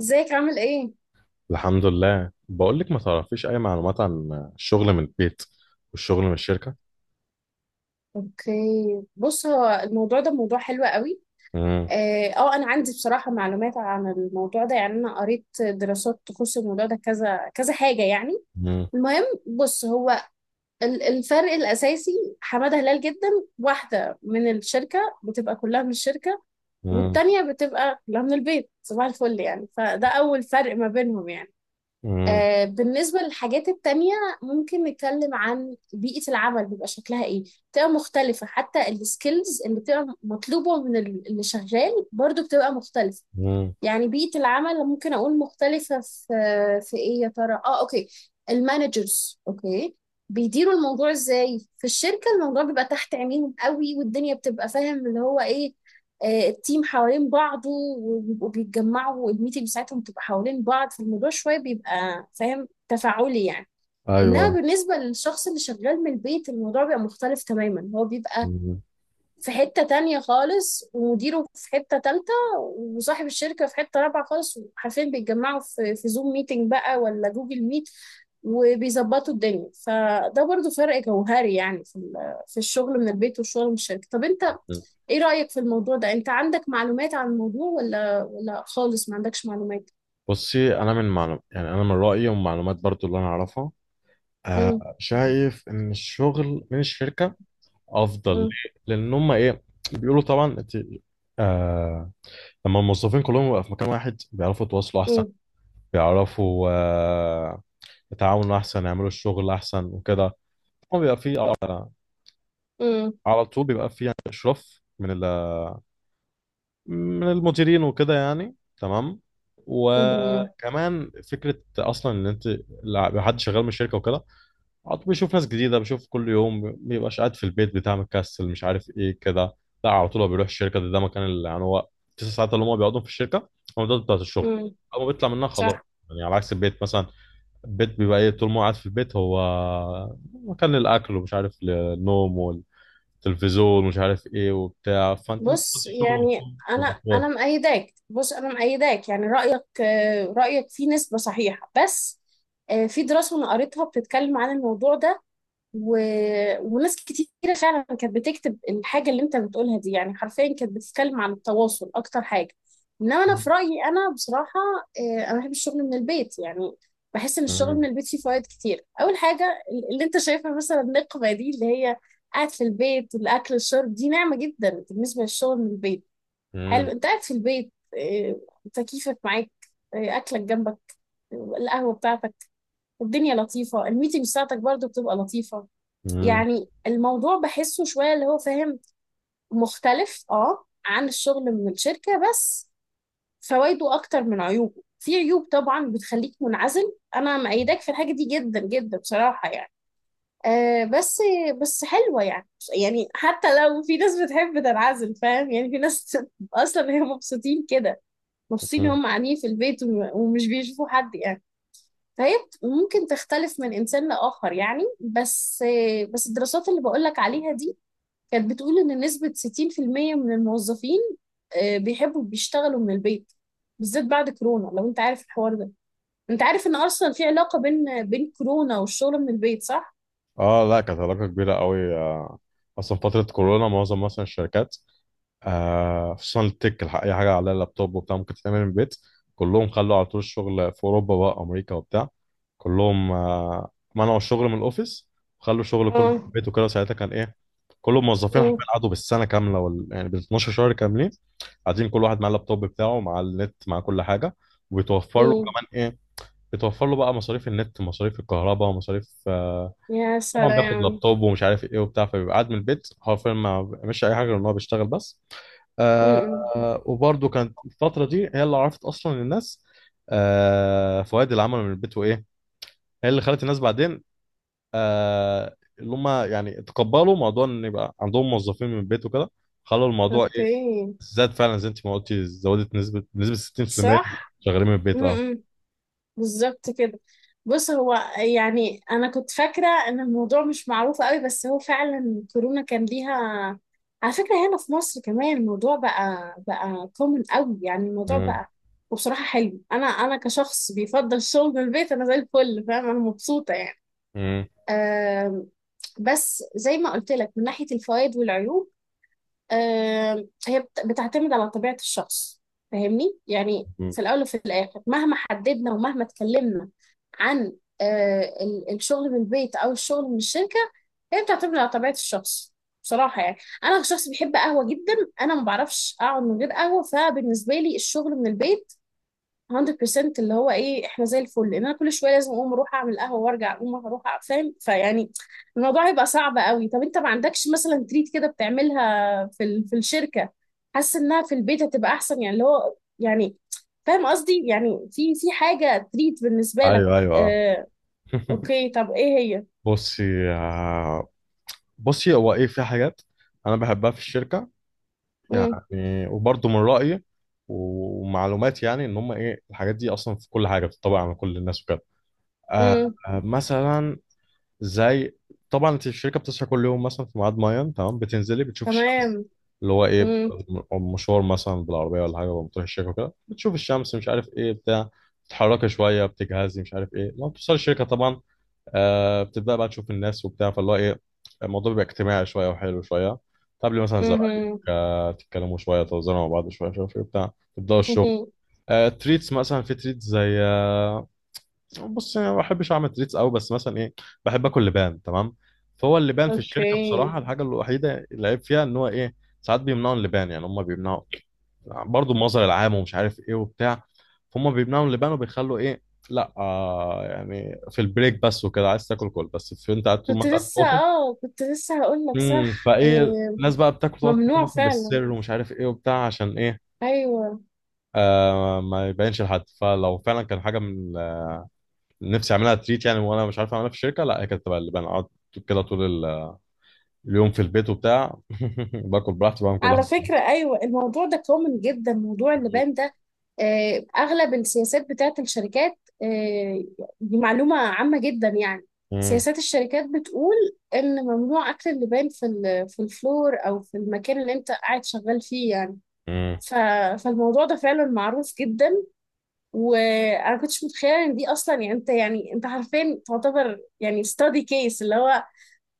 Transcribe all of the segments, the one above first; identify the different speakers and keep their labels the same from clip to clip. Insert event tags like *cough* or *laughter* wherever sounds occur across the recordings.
Speaker 1: ازيك عامل ايه؟
Speaker 2: الحمد لله، بقول لك ما تعرفيش اي معلومات عن الشغل من البيت والشغل من الشركه.
Speaker 1: اوكي. بص، هو الموضوع ده موضوع حلو قوي.
Speaker 2: مم.
Speaker 1: انا عندي بصراحة معلومات عن الموضوع ده، يعني انا قريت دراسات تخص الموضوع ده كذا كذا حاجة يعني.
Speaker 2: مم.
Speaker 1: المهم، بص هو الفرق الاساسي. حمادة هلال جدا. واحدة من الشركة بتبقى كلها من الشركة،
Speaker 2: مم.
Speaker 1: والتانية بتبقى كلها من البيت صباح الفل، يعني فده اول فرق ما بينهم يعني.
Speaker 2: مم.
Speaker 1: بالنسبة للحاجات التانية ممكن نتكلم عن بيئة العمل، بيبقى شكلها ايه؟ بتبقى مختلفة، حتى السكيلز اللي بتبقى مطلوبة من اللي شغال برضو بتبقى مختلفة.
Speaker 2: مم.
Speaker 1: يعني بيئة العمل ممكن أقول مختلفة في إيه يا ترى؟ أوكي. المانجرز أوكي بيديروا الموضوع إزاي؟ في الشركة الموضوع بيبقى تحت عينيهم قوي، والدنيا بتبقى فاهم اللي هو إيه. التيم حوالين بعضه، وبيبقوا بيتجمعوا، والميتنج بتاعتهم بتبقى حوالين بعض، فالموضوع شوية بيبقى فاهم تفاعلي يعني. إنما
Speaker 2: ايوه.
Speaker 1: بالنسبة للشخص اللي شغال من البيت، الموضوع بيبقى مختلف تماما، هو بيبقى
Speaker 2: مم.
Speaker 1: في حتة تانية خالص، ومديره في حتة تالتة، وصاحب الشركة في حتة رابعة خالص، وحرفيا بيتجمعوا في زوم ميتنج بقى ولا جوجل ميت، وبيظبطوا الدنيا. فده برضو فرق جوهري يعني في في الشغل من البيت والشغل من الشركة. طب انت، ايه رأيك في الموضوع ده؟ انت عندك معلومات عن الموضوع ولا خالص ما عندكش معلومات؟
Speaker 2: بصي انا من معلوم، يعني انا من رايي ومعلومات برضو اللي انا اعرفها،
Speaker 1: امم.
Speaker 2: آه شايف ان الشغل من الشركه افضل.
Speaker 1: امم.
Speaker 2: ليه؟ لان هم ايه بيقولوا؟ طبعا انت آه لما الموظفين كلهم يبقوا في مكان واحد بيعرفوا يتواصلوا احسن، بيعرفوا آه يتعاونوا احسن، يعملوا الشغل احسن وكده. طبعاً بيبقى فيه أه
Speaker 1: امم.
Speaker 2: على طول بيبقى في، يعني اشراف من من المديرين وكده يعني. تمام،
Speaker 1: امم.
Speaker 2: وكمان فكره اصلا ان انت لو حد شغال من الشركه وكده، على طول بيشوف ناس جديده، بيشوف كل يوم، ما بيبقاش قاعد في البيت بتاع مكسل مش عارف ايه كده. لا، على طول هو بيروح الشركه. ده مكان اللي يعني هو 9 ساعات اللي هم بيقعدوا في الشركه، هم ده بتاعت الشغل.
Speaker 1: امم.
Speaker 2: اول ما بيطلع منها خلاص،
Speaker 1: صح.
Speaker 2: يعني على عكس البيت مثلا. البيت بيبقى ايه؟ طول ما هو قاعد في البيت، هو مكان للاكل ومش عارف للنوم، تلفزيون مش عارف ايه وبتاع، فانت انت
Speaker 1: بص،
Speaker 2: بتخش الشغل
Speaker 1: يعني
Speaker 2: وتقوم
Speaker 1: انا
Speaker 2: يبقى حوار.
Speaker 1: انا مأيداك. بص، انا مأيداك يعني رأيك، رأيك فيه نسبة صحيحة بس. في دراسة انا قريتها بتتكلم عن الموضوع ده. و... وناس كتيرة فعلا كانت بتكتب الحاجة اللي انت بتقولها دي، يعني حرفيا كانت بتتكلم عن التواصل اكتر حاجة. انما انا في
Speaker 2: مم.
Speaker 1: رأيي، انا بصراحة انا بحب الشغل من البيت يعني. بحس ان الشغل من
Speaker 2: مم.
Speaker 1: البيت فيه فوائد كتير. اول حاجة اللي انت شايفها مثلا النقمة دي، اللي هي قاعد في البيت، الاكل، الشرب، دي نعمة جدا بالنسبة للشغل من البيت. حلو،
Speaker 2: مم.
Speaker 1: انت قاعد في البيت، آه، تكييفك معاك، اكلك جنبك، القهوة بتاعتك، الدنيا لطيفة، الميتنج بتاعتك برضو بتبقى لطيفة.
Speaker 2: مم.
Speaker 1: يعني الموضوع بحسه شوية اللي هو فاهم مختلف عن الشغل من الشركة. بس فوائده أكتر من عيوبه. في عيوب طبعا بتخليك منعزل، أنا مأيداك في الحاجة دي جدا جدا بصراحة يعني. بس بس حلوة يعني. يعني حتى لو في ناس بتحب تنعزل فاهم، يعني في ناس *laughs* أصلا هي مبسوطين كده. مبسوطين
Speaker 2: مم.
Speaker 1: هم قاعدين في البيت ومش بيشوفوا حد يعني. فهي ممكن تختلف من إنسان لآخر يعني. بس، بس الدراسات اللي بقولك عليها دي كانت بتقول إن نسبة 60% من الموظفين بيحبوا بيشتغلوا من البيت، بالذات بعد كورونا. لو أنت عارف الحوار ده، أنت عارف إن أصلا في علاقة بين كورونا والشغل من البيت، صح؟
Speaker 2: اه لا، كانت علاقة كبيرة قوي آه. اصلا فترة كورونا معظم مثلا الشركات آه خصوصا التك اي حاجة على اللابتوب وبتاع ممكن تتعمل من البيت، كلهم خلوا على طول الشغل في اوروبا بقى، امريكا وبتاع، كلهم آه منعوا الشغل من الاوفيس وخلوا الشغل كله في
Speaker 1: اه،
Speaker 2: البيت وكده. ساعتها كان ايه؟ كل الموظفين حرفيا
Speaker 1: اه،
Speaker 2: قعدوا بالسنة كاملة يعني بال 12 شهر كاملين، قاعدين كل واحد مع اللابتوب بتاعه، مع النت، مع كل حاجه، وبيتوفر له
Speaker 1: اه.
Speaker 2: كمان ايه؟ بيتوفر له بقى مصاريف النت، مصاريف الكهرباء، ومصاريف آه،
Speaker 1: يا
Speaker 2: طبعا بياخد
Speaker 1: سلام.
Speaker 2: لابتوب ومش عارف ايه وبتاع، فبيبقى قاعد من البيت حرفيا ما مش اي حاجه غير ان هو بيشتغل بس.
Speaker 1: م- م.
Speaker 2: آه وبرده كانت الفتره دي هي اللي عرفت اصلا الناس آه فوائد العمل من البيت، وايه هي اللي خلت الناس بعدين آه اللي هم يعني تقبلوا موضوع ان يبقى عندهم موظفين من البيت وكده، خلوا الموضوع ايه
Speaker 1: اوكي.
Speaker 2: زاد فعلا زي انت ما قلتي، زودت نسبة بنسبة 60%
Speaker 1: صح.
Speaker 2: شغالين من
Speaker 1: م-
Speaker 2: البيت اه.
Speaker 1: م. بالظبط كده. بص، هو يعني انا كنت فاكره ان الموضوع مش معروف قوي، بس هو فعلا كورونا كان ليها. على فكره هنا في مصر كمان الموضوع بقى كومن قوي، يعني الموضوع
Speaker 2: مم.
Speaker 1: بقى وبصراحه حلو. انا كشخص بيفضل الشغل من البيت، انا زي الفل فاهم، انا مبسوطه يعني.
Speaker 2: مم.
Speaker 1: أم، بس زي ما قلت لك، من ناحيه الفوائد والعيوب، هي بتعتمد على طبيعة الشخص. فاهمني يعني؟
Speaker 2: مم.
Speaker 1: في الأول وفي الآخر، مهما حددنا ومهما اتكلمنا عن الشغل من البيت أو الشغل من الشركة، هي بتعتمد على طبيعة الشخص بصراحة يعني. أنا شخص بيحب قهوة جدا. أنا ما بعرفش أقعد من غير قهوة. فبالنسبة لي الشغل من البيت 100% اللي هو ايه، احنا زي الفل، لان انا كل شويه لازم اقوم اروح اعمل قهوه وارجع، اقوم اروح فاهم. فيعني الموضوع هيبقى صعب قوي. طب انت ما عندكش مثلا تريت كده بتعملها في في الشركه، حاسس انها في البيت هتبقى احسن؟ يعني اللي هو يعني فاهم قصدي، يعني في حاجه تريت بالنسبه لك؟
Speaker 2: ايوه ايوه اه.
Speaker 1: آه.
Speaker 2: *laughs*
Speaker 1: اوكي، طب ايه هي؟
Speaker 2: بصي آه، بصي هو ايه في حاجات انا بحبها في الشركة،
Speaker 1: امم.
Speaker 2: يعني وبرضه من رأيي ومعلوماتي، يعني ان هم ايه؟ الحاجات دي اصلا في كل حاجة بتطبق على كل الناس وكده. آه
Speaker 1: امم.
Speaker 2: آه، مثلا زي، طبعا انت الشركه بتصحى كل يوم مثلا في ميعاد معين تمام، بتنزلي بتشوف الشمس،
Speaker 1: تمام.
Speaker 2: اللي هو ايه
Speaker 1: امم.
Speaker 2: مشوار مثلا بالعربيه ولا حاجه، بتروح الشركه وكده، بتشوف الشمس مش عارف ايه بتاع، بتتحركي شويه، بتجهزي مش عارف ايه، لما بتوصلي الشركه طبعا آه بتبدا بقى تشوف الناس وبتاع، فاللي هو ايه الموضوع بيبقى اجتماعي شويه وحلو شويه، تقابلي مثلا زمايلك
Speaker 1: امم.
Speaker 2: آه، تتكلموا شويه، تهزروا مع بعض شويه مش عارف ايه بتاع، تبداوا الشغل. آه تريتس مثلا، في تريتس زي آه، بص انا ما بحبش اعمل تريتس قوي، بس مثلا ايه بحب اكل لبان تمام. فهو اللبان في الشركه
Speaker 1: اوكي.
Speaker 2: بصراحه الحاجه الوحيده اللي عيب فيها ان هو ايه ساعات بيمنعوا اللبان، يعني هم بيمنعوا برضو المظهر العام ومش عارف ايه وبتاع، فهم بيمنعوا اللبان وبيخلوا ايه، لا آه يعني في البريك بس وكده، عايز تاكل كل بس في انت قاعد طول ما
Speaker 1: كنت
Speaker 2: انت قاعد في
Speaker 1: لسه،
Speaker 2: الاوفيس.
Speaker 1: كنت لسه هقول لك،
Speaker 2: امم،
Speaker 1: صح.
Speaker 2: فايه الناس بقى بتاكل، تقعد تاكل
Speaker 1: ممنوع
Speaker 2: مثلا
Speaker 1: فعلا.
Speaker 2: بالسر ومش عارف ايه وبتاع عشان ايه
Speaker 1: ايوه.
Speaker 2: آه ما يبينش لحد. فلو فعلا كان حاجه من نفسي اعملها تريت يعني وانا مش عارف اعملها في الشركه، لا هي كانت تبقى اللبان. اقعد كده طول اليوم في البيت وبتاع *laughs* باكل براحتي، بعمل كل
Speaker 1: على
Speaker 2: حاجه
Speaker 1: فكره
Speaker 2: براحتي.
Speaker 1: ايوه، الموضوع ده كومن جدا، موضوع اللبان ده. اغلب السياسات بتاعت الشركات، دي معلومه عامه جدا يعني.
Speaker 2: مم.
Speaker 1: سياسات الشركات بتقول ان ممنوع اكل اللبان في في الفلور، او في المكان اللي انت قاعد شغال فيه يعني.
Speaker 2: مم.
Speaker 1: ف- فالموضوع ده فعلا معروف جدا، وانا كنتش متخيله ان دي اصلا. يعني انت حرفيا تعتبر يعني ستادي كيس، اللي هو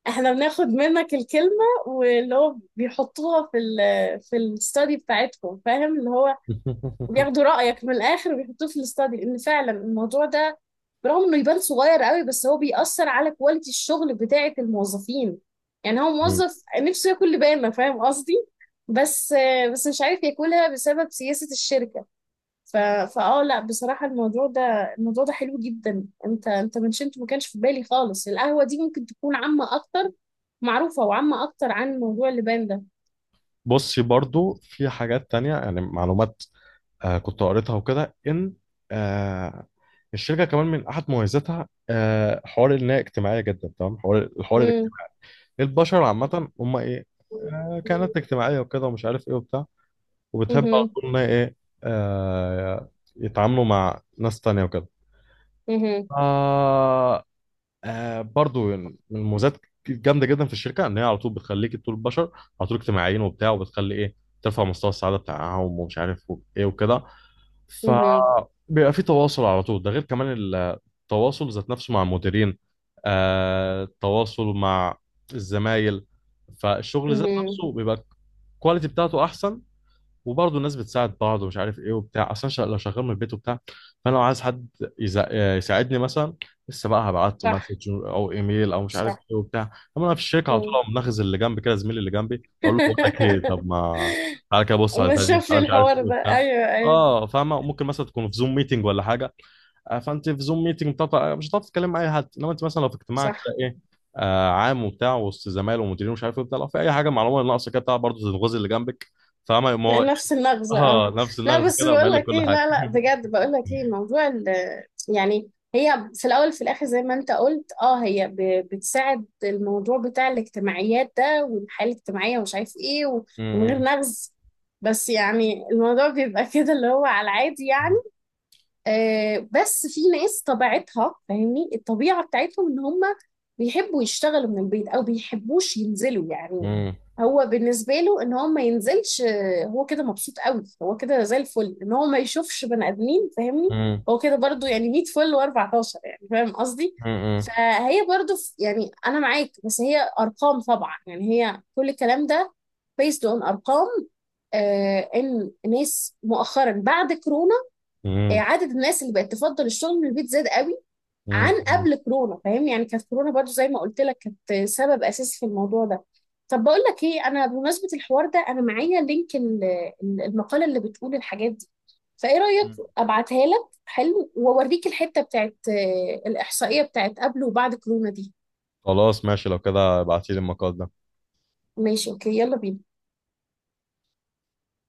Speaker 1: احنا بناخد منك الكلمة، واللي هو بيحطوها في في الستادي بتاعتكم، فاهم اللي هو
Speaker 2: *laughs*
Speaker 1: بياخدوا رأيك من الآخر وبيحطوه في الستادي. لأن فعلا الموضوع ده، برغم انه يبان صغير قوي، بس هو بيأثر على كواليتي الشغل بتاعة الموظفين. يعني هو
Speaker 2: مم.
Speaker 1: موظف نفسه ياكل لبانة، فاهم قصدي؟ بس بس مش عارف ياكلها بسبب سياسة الشركة. ف... فاه لا بصراحة الموضوع ده، الموضوع ده حلو جدا. انت منشنت ما كانش في بالي خالص. القهوة دي ممكن تكون عامة اكتر، معروفة وعامة اكتر عن موضوع اللبان ده.
Speaker 2: بصي برضو في حاجات تانية، يعني معلومات آه كنت قريتها وكده، ان آه الشركه كمان من احد مميزاتها آه حوار ان هي اجتماعيه جدا تمام. الحوار
Speaker 1: امم.
Speaker 2: الاجتماعي، البشر عامه هم ايه آه كانت اجتماعيه وكده ومش عارف ايه وبتاع، وبتحب على
Speaker 1: امم.
Speaker 2: طول إن هي ايه آه يتعاملوا مع ناس تانية وكده.
Speaker 1: امم.
Speaker 2: آه آه برضو من المميزات الجامدة جدا في الشركة ان هي على طول بتخليك طول، البشر على طول اجتماعيين وبتاع، وبتخلي ايه ترفع مستوى السعادة بتاعهم ومش عارف ايه وكده، فبيبقى في تواصل على طول، ده غير كمان التواصل ذات نفسه مع المديرين، آه التواصل مع الزمايل، فالشغل ذات
Speaker 1: امم.
Speaker 2: نفسه بيبقى الكواليتي بتاعته احسن. وبرضه الناس بتساعد بعض ومش عارف ايه وبتاع، اصلا لو شغال من البيت وبتاع، فانا لو عايز حد يساعدني مثلا، لسه بقى هبعت له
Speaker 1: صح.
Speaker 2: مسج او ايميل او مش عارف
Speaker 1: صح.
Speaker 2: ايه وبتاع. اما انا في الشركه على طول
Speaker 1: مم.
Speaker 2: اقوم ناخذ اللي جنبي كده، زميلي اللي جنبي اقول له بقول لك ايه، طب
Speaker 1: *laughs*
Speaker 2: ما تعالى كده بص على
Speaker 1: ما
Speaker 2: البتاع دي،
Speaker 1: شوف لي
Speaker 2: تعالى مش عارف
Speaker 1: الحوار
Speaker 2: ايه
Speaker 1: ده،
Speaker 2: وبتاع.
Speaker 1: ايوه ايوه.
Speaker 2: اه فاهمه، ممكن مثلا تكون في زوم ميتنج ولا حاجه، آه، فانت في زوم ميتنج، مش هتعرف تتكلم مع اي حد. انما انت مثلا لو في اجتماع
Speaker 1: صح.
Speaker 2: كده ايه آه عام وبتاع، وسط زمايل ومديرين ومش عارف ايه وبتاع، لو في اي حاجه معلومه ناقصه كده بتاع، برضه تنغز اللي جنبك، فاهمه.
Speaker 1: نفس النغزة اه.
Speaker 2: اه نفس
Speaker 1: لا
Speaker 2: النغز
Speaker 1: بس
Speaker 2: كده وما
Speaker 1: بقول
Speaker 2: لك
Speaker 1: لك
Speaker 2: كل
Speaker 1: ايه،
Speaker 2: حاجه.
Speaker 1: لا لا
Speaker 2: *laughs*
Speaker 1: بجد، بقول لك ايه موضوع يعني هي في الاول في الاخر زي ما انت قلت، هي بتساعد الموضوع بتاع الاجتماعيات ده والحياة الاجتماعية، ومش عارف ايه. ومن غير
Speaker 2: مم.
Speaker 1: نغز، بس يعني الموضوع بيبقى *laughs* كده اللي هو على العادي يعني. بس في ناس طبيعتها فاهمني، الطبيعة بتاعتهم ان هم بيحبوا يشتغلوا من البيت او بيحبوش ينزلوا يعني.
Speaker 2: مم.
Speaker 1: هو بالنسبة له ان هو ما ينزلش، هو كده مبسوط قوي، هو كده زي الفل ان هو ما يشوفش بني ادمين فاهمني.
Speaker 2: مم.
Speaker 1: هو كده برضو يعني 100 فل و14 يعني فاهم قصدي.
Speaker 2: مم.
Speaker 1: فهي برضو يعني انا معاك، بس هي ارقام طبعا يعني، هي كل الكلام ده based on ارقام. ان ناس مؤخرا بعد كورونا،
Speaker 2: مم.
Speaker 1: عدد الناس اللي بقت تفضل الشغل من البيت زاد قوي
Speaker 2: مم.
Speaker 1: عن قبل كورونا، فاهم يعني؟ كانت كورونا برضو زي ما قلت لك، كانت سبب اساسي في الموضوع ده. طب بقول لك ايه، انا بمناسبه الحوار ده انا معايا لينك المقاله اللي بتقول الحاجات دي. فايه رايك؟ ابعتها لك، حلو واوريك الحته بتاعت الاحصائيه بتاعت قبل وبعد كورونا دي.
Speaker 2: خلاص ماشي، لو كده ابعتيلي المقال ده.
Speaker 1: ماشي اوكي، يلا بينا.